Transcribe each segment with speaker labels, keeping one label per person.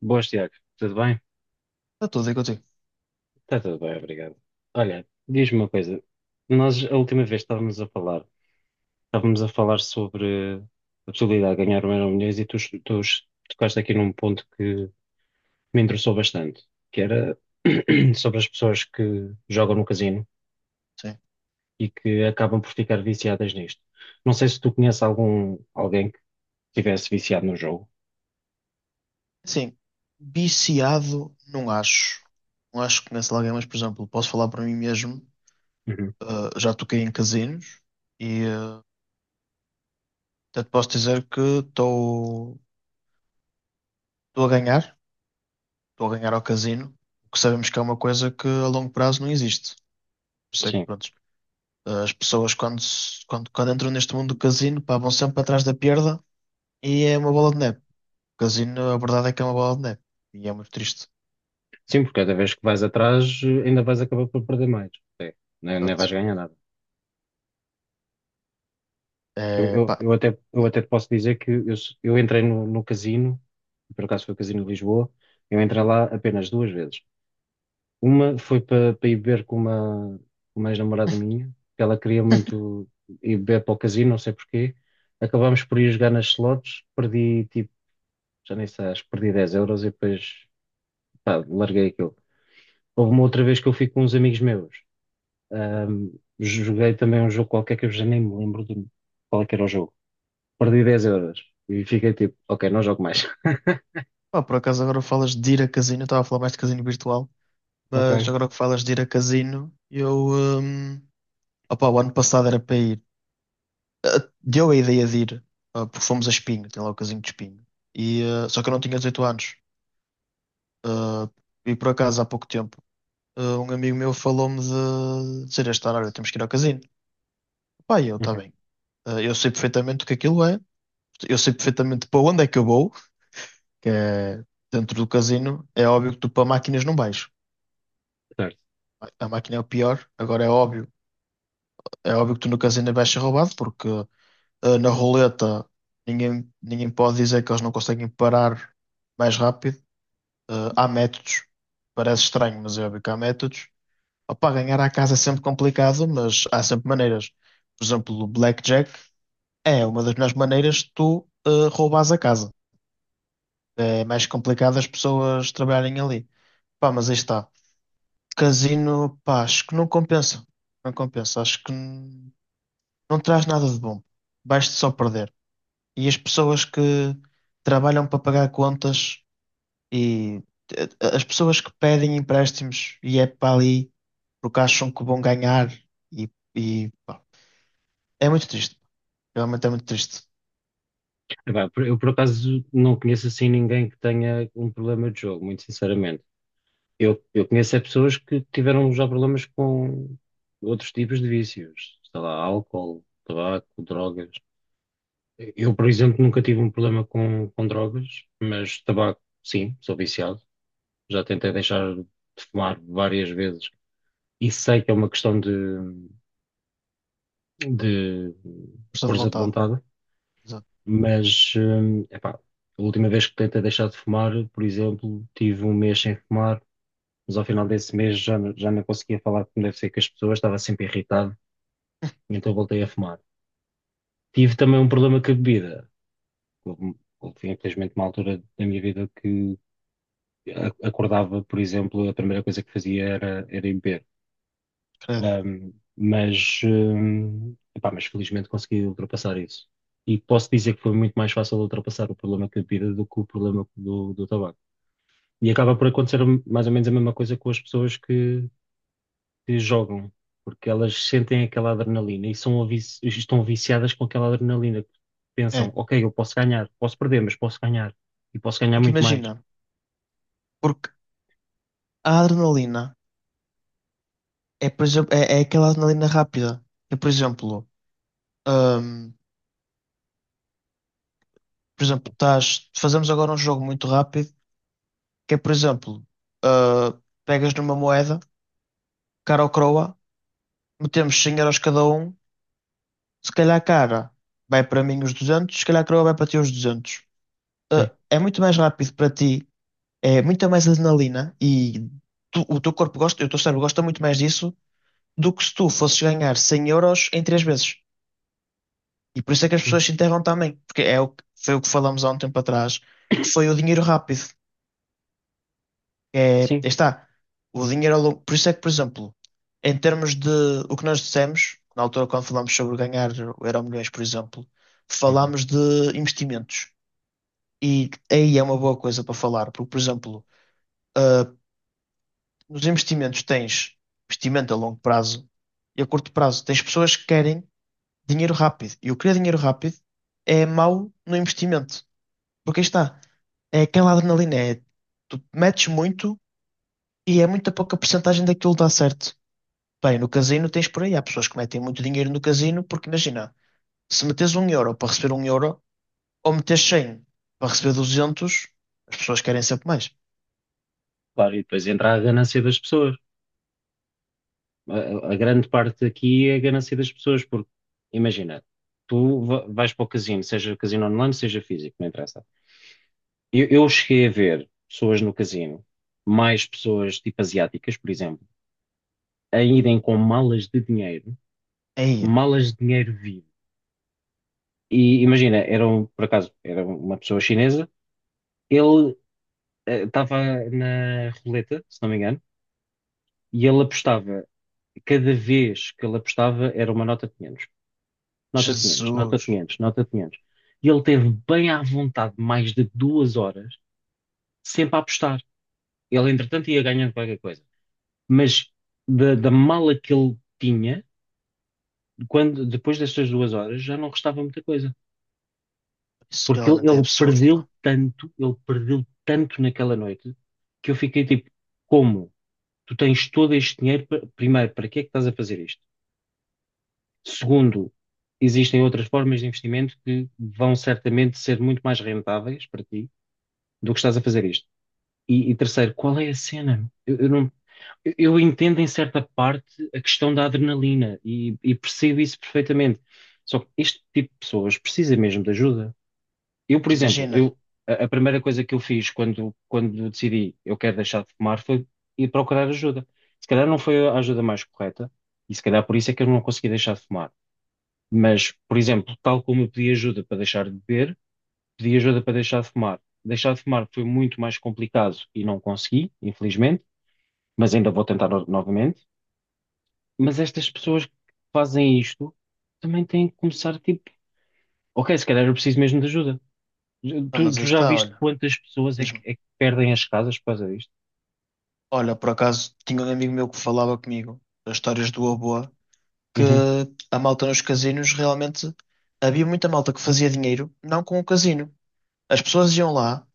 Speaker 1: Boas, Tiago. Tudo bem?
Speaker 2: Está tudo aí contigo.
Speaker 1: Está tudo bem, obrigado. Olha, diz-me uma coisa. Nós, a última vez, estávamos a falar sobre a possibilidade de ganhar um Euromilhões e tu tocaste aqui num ponto que me interessou bastante, que era sobre as pessoas que jogam no casino
Speaker 2: Sim.
Speaker 1: e que acabam por ficar viciadas nisto. Não sei se tu conheces alguém que estivesse viciado no jogo.
Speaker 2: Sim. Viciado, não acho. Não acho que conheço alguém, mas, por exemplo, posso falar para mim mesmo.
Speaker 1: Uhum.
Speaker 2: Já toquei em casinos e até te posso dizer que estou a ganhar. Estou a ganhar ao casino, o que sabemos que é uma coisa que a longo prazo não existe. Por isso é que,
Speaker 1: Sim.
Speaker 2: pronto, as pessoas quando, se- quando, quando entram neste mundo do casino, pá, vão sempre atrás da perda e é uma bola de neve. O casino, a verdade é que é uma bola de neve. E é muito triste.
Speaker 1: Sim, porque cada vez que vais atrás, ainda vais acabar por perder mais. Nem vais
Speaker 2: Exato.
Speaker 1: ganhar nada. Eu,
Speaker 2: É,
Speaker 1: eu,
Speaker 2: pá.
Speaker 1: eu até, eu até te posso dizer que eu entrei no casino, por acaso foi o Casino de Lisboa, eu entrei lá apenas duas vezes. Uma foi para ir beber com uma ex-namorada minha, que ela queria muito ir beber para o casino, não sei porquê. Acabámos por ir jogar nas slots, perdi tipo, já nem sei, acho que perdi 10 euros e depois pá, larguei aquilo. Houve uma outra vez que eu fui com uns amigos meus, ahm, joguei também um jogo qualquer que eu já nem me lembro de qual é que era o jogo, perdi 10 euros. E fiquei tipo, ok, não jogo mais.
Speaker 2: Pá, por acaso agora falas de ir a casino, eu estava a falar mais de casino virtual, mas
Speaker 1: Ok.
Speaker 2: agora que falas de ir a casino, hum, opá, o ano passado era para ir, deu a ideia de ir, porque fomos a Espinho, tem lá o casino de Espinho, e, só que eu não tinha 18 anos, e por acaso há pouco tempo, um amigo meu falou-me de dizer este ano, olha, temos que ir ao casino, pá, e eu, está
Speaker 1: Uhum.
Speaker 2: bem. Eu sei perfeitamente o que aquilo é, eu sei perfeitamente para onde é que eu vou, que é dentro do casino, é óbvio que tu para máquinas não vais.
Speaker 1: Certo.
Speaker 2: A máquina é o pior. Agora é óbvio que tu no casino vais ser roubado, porque na roleta ninguém pode dizer que eles não conseguem parar mais rápido. Eh, há métodos, parece estranho, mas é óbvio que há métodos. Opa, ganhar à casa é sempre complicado, mas há sempre maneiras. Por exemplo, o blackjack é uma das melhores maneiras de tu roubares a casa. É mais complicado as pessoas trabalharem ali. Pá, mas aí está. Casino, pá, acho que não compensa. Não compensa. Não traz nada de bom. Vais-te só perder. E as pessoas que trabalham para pagar contas e eh, as pessoas que pedem empréstimos e é para ali porque acham que vão ganhar e pá, é muito triste. Realmente é muito triste.
Speaker 1: Epá, eu por acaso não conheço assim ninguém que tenha um problema de jogo, muito sinceramente. Eu conheço é pessoas que tiveram já problemas com outros tipos de vícios, sei lá, álcool, tabaco, drogas. Eu, por exemplo, nunca tive um problema com drogas, mas tabaco, sim, sou viciado. Já tentei deixar de fumar várias vezes e sei que é uma questão de
Speaker 2: Força de
Speaker 1: força de
Speaker 2: vontade.
Speaker 1: vontade.
Speaker 2: Exato.
Speaker 1: Mas, epá, a última vez que tentei deixar de fumar, por exemplo, tive um mês sem fumar, mas ao final desse mês já não conseguia falar como deve ser com as pessoas, estava sempre irritado, então voltei a fumar. Tive também um problema com a bebida. Houve, infelizmente, uma altura da minha vida que acordava, por exemplo, a primeira coisa que fazia era ir beber.
Speaker 2: Credo.
Speaker 1: Mas, epá, mas felizmente consegui ultrapassar isso. E posso dizer que foi muito mais fácil ultrapassar o problema com a bebida do que o problema do tabaco. E acaba por acontecer mais ou menos a mesma coisa com as pessoas que jogam, porque elas sentem aquela adrenalina e estão viciadas com aquela adrenalina. Pensam,
Speaker 2: É.
Speaker 1: ok, eu posso ganhar, posso perder, mas posso ganhar e posso ganhar
Speaker 2: Porque
Speaker 1: muito mais.
Speaker 2: imagina, porque a adrenalina é, por exemplo, é aquela adrenalina rápida. Eu, hum, por exemplo, estás, fazemos agora um jogo muito rápido, que é, por exemplo, ah, pegas numa moeda, cara ou croa, metemos 100 euros cada um, se calhar cara vai para mim os 200, se calhar croa vai para ti os 200.
Speaker 1: Sim,
Speaker 2: É muito mais rápido para ti, é muita mais adrenalina e o teu corpo gosta, o teu cérebro gosta muito mais disso do que se tu fosses ganhar 100 euros em três vezes. E por isso é que as
Speaker 1: sim,
Speaker 2: pessoas se enterram também, porque é o que, foi o que falamos há um tempo atrás, que foi o dinheiro rápido. É, aí
Speaker 1: sim.
Speaker 2: está. O dinheiro ao longo. Por isso é que, por exemplo, em termos de o que nós dissemos, na altura quando falámos sobre ganhar o Euromilhões, por exemplo,
Speaker 1: Uhum.
Speaker 2: falámos de investimentos. E aí é uma boa coisa para falar, porque, por exemplo, ah, nos investimentos tens investimento a longo prazo e a curto prazo. Tens pessoas que querem dinheiro rápido. E o querer dinheiro rápido é mau no investimento. Porque aí está. É aquela adrenalina. É, tu metes muito e é muito pouca porcentagem daquilo que dá certo. Bem, no casino tens por aí. Há pessoas que metem muito dinheiro no casino porque, imagina, se metes um euro para receber um euro ou metes 100 para receber 200, as pessoas querem sempre mais.
Speaker 1: Claro, e depois entra a ganância das pessoas. A grande parte aqui é a ganância das pessoas, porque imagina, tu vais para o casino, seja casino online, seja físico, não interessa. Eu cheguei a ver pessoas no casino, mais pessoas tipo asiáticas, por exemplo, a irem com
Speaker 2: Aí,
Speaker 1: malas de dinheiro vivo. E imagina, por acaso, era uma pessoa chinesa, ele estava na roleta, se não me engano, e ele apostava. Cada vez que ele apostava era uma nota de 500, nota de 500, nota de
Speaker 2: Jesus,
Speaker 1: 500, nota de 500. E ele teve bem à vontade mais de 2 horas, sempre a apostar. Ele, entretanto, ia ganhando qualquer coisa, mas da mala que ele tinha, quando, depois destas 2 horas, já não restava muita coisa.
Speaker 2: isso
Speaker 1: Porque ele,
Speaker 2: realmente é
Speaker 1: ele
Speaker 2: absurdo, pá.
Speaker 1: perdeu tanto, ele perdeu tanto naquela noite, que eu fiquei tipo, como? Tu tens todo este dinheiro, primeiro, para que é que estás a fazer isto? Segundo, existem outras formas de investimento que vão certamente ser muito mais rentáveis para ti do que estás a fazer isto. E terceiro, qual é a cena? Eu não, eu entendo em certa parte a questão da adrenalina e percebo isso perfeitamente. Só que este tipo de pessoas precisa mesmo de ajuda. Eu, por
Speaker 2: Mas
Speaker 1: exemplo,
Speaker 2: imagina.
Speaker 1: a primeira coisa que eu fiz quando decidi eu quero deixar de fumar foi ir procurar ajuda. Se calhar não foi a ajuda mais correta e se calhar por isso é que eu não consegui deixar de fumar. Mas, por exemplo, tal como eu pedi ajuda para deixar de beber, pedi ajuda para deixar de fumar. Deixar de fumar foi muito mais complicado e não consegui, infelizmente, mas ainda vou tentar novamente. Mas estas pessoas que fazem isto também têm que começar, tipo, ok, se calhar eu preciso mesmo de ajuda.
Speaker 2: Ah,
Speaker 1: Tu,
Speaker 2: mas aí
Speaker 1: tu já
Speaker 2: está,
Speaker 1: viste
Speaker 2: olha.
Speaker 1: quantas pessoas
Speaker 2: Diz-me.
Speaker 1: é que perdem as casas por causa disto?
Speaker 2: Olha, por acaso, tinha um amigo meu que falava comigo das histórias do Aboa, que
Speaker 1: Uhum,
Speaker 2: a malta nos casinos realmente havia muita malta que fazia dinheiro não com o casino. As pessoas iam lá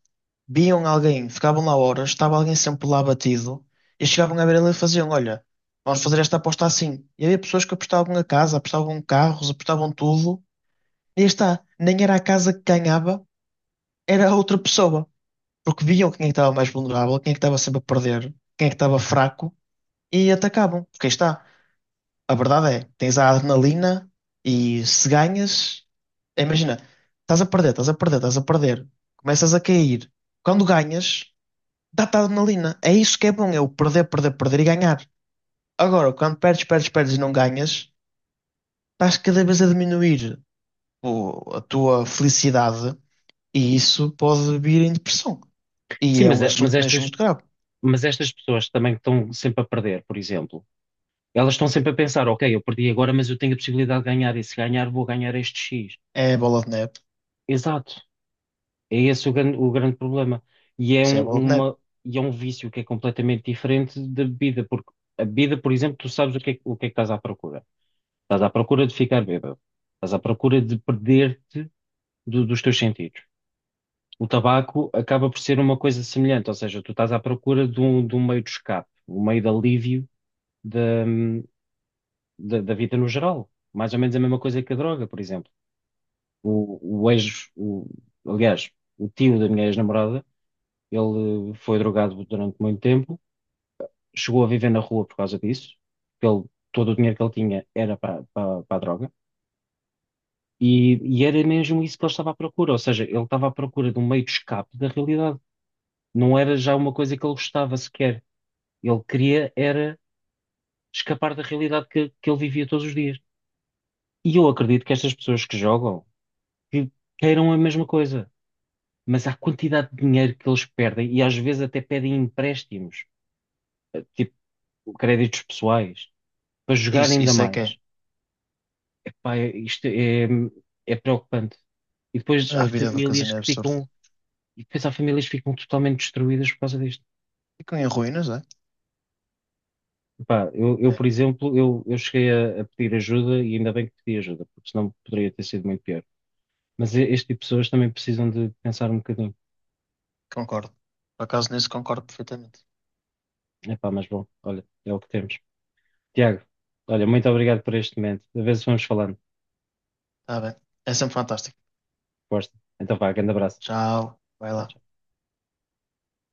Speaker 2: viam alguém, ficavam lá horas, estava alguém sempre lá batido, e chegavam a ver ele e faziam, olha, vamos fazer esta aposta assim. E havia pessoas que apostavam a casa, apostavam carros, apostavam tudo, e aí está, nem era a casa que ganhava, era a outra pessoa, porque viam quem é que estava mais vulnerável, quem é que estava sempre a perder, quem é que estava
Speaker 1: uhum.
Speaker 2: fraco, e atacavam, porque aí está, a verdade é, tens a adrenalina, e se ganhas, imagina, estás a perder, começas a cair, quando ganhas dá-te adrenalina. É isso que é bom, é o perder, perder, perder e ganhar. Agora, quando perdes, perdes, perdes e não ganhas, estás cada vez a diminuir a tua felicidade e isso pode vir em depressão.
Speaker 1: Sim,
Speaker 2: E é
Speaker 1: mas,
Speaker 2: um
Speaker 1: mas
Speaker 2: assunto mesmo
Speaker 1: estas,
Speaker 2: muito grave.
Speaker 1: mas estas pessoas também que estão sempre a perder, por exemplo, elas estão sempre a pensar, ok, eu perdi agora, mas eu tenho a possibilidade de ganhar, e se ganhar, vou ganhar este X.
Speaker 2: É a bola de neve.
Speaker 1: Exato. É esse o grande problema. E é
Speaker 2: Isso é a
Speaker 1: um,
Speaker 2: bola de neve.
Speaker 1: uma, e é um vício que é completamente diferente da bebida, porque a bebida, por exemplo, tu sabes o que é, o que é que estás à procura. Estás à procura de ficar bêbado. Estás à procura de perder-te dos teus sentidos. O tabaco acaba por ser uma coisa semelhante, ou seja, tu estás à procura de um meio de escape, um meio de alívio da, da vida no geral. Mais ou menos a mesma coisa que a droga, por exemplo. O, o ex, o, aliás, o tio da minha ex-namorada, ele foi drogado durante muito tempo, chegou a viver na rua por causa disso, porque ele, todo o dinheiro que ele tinha era para a droga, e era mesmo isso que ele estava à procura, ou seja, ele estava à procura de um meio de escape da realidade. Não era já uma coisa que ele gostava sequer. Ele queria era escapar da realidade que ele vivia todos os dias. E eu acredito que estas pessoas que jogam que queiram a mesma coisa, mas a quantidade de dinheiro que eles perdem, e às vezes até pedem empréstimos, tipo créditos pessoais para jogar
Speaker 2: Isso,
Speaker 1: ainda
Speaker 2: isso é que é.
Speaker 1: mais. Epá, isto é, é preocupante. E depois
Speaker 2: A
Speaker 1: há
Speaker 2: vida do
Speaker 1: famílias
Speaker 2: casino é
Speaker 1: que
Speaker 2: absurda.
Speaker 1: ficam, e depois há famílias que ficam totalmente destruídas por causa disto.
Speaker 2: Ficam em ruínas, é?
Speaker 1: Epá,
Speaker 2: É,
Speaker 1: por exemplo, eu cheguei a pedir ajuda e ainda bem que pedi ajuda, porque senão poderia ter sido muito pior. Mas este tipo de pessoas também precisam de pensar um bocadinho.
Speaker 2: concordo. Por acaso nisso concordo perfeitamente.
Speaker 1: Epá, mas bom, olha, é o que temos. Tiago, olha, muito obrigado por este momento. A ver se vamos falando.
Speaker 2: Está bem. É sempre fantástico.
Speaker 1: Gosto. Então vá, grande abraço.
Speaker 2: Tchau. Vai
Speaker 1: Tchau,
Speaker 2: lá.
Speaker 1: tchau.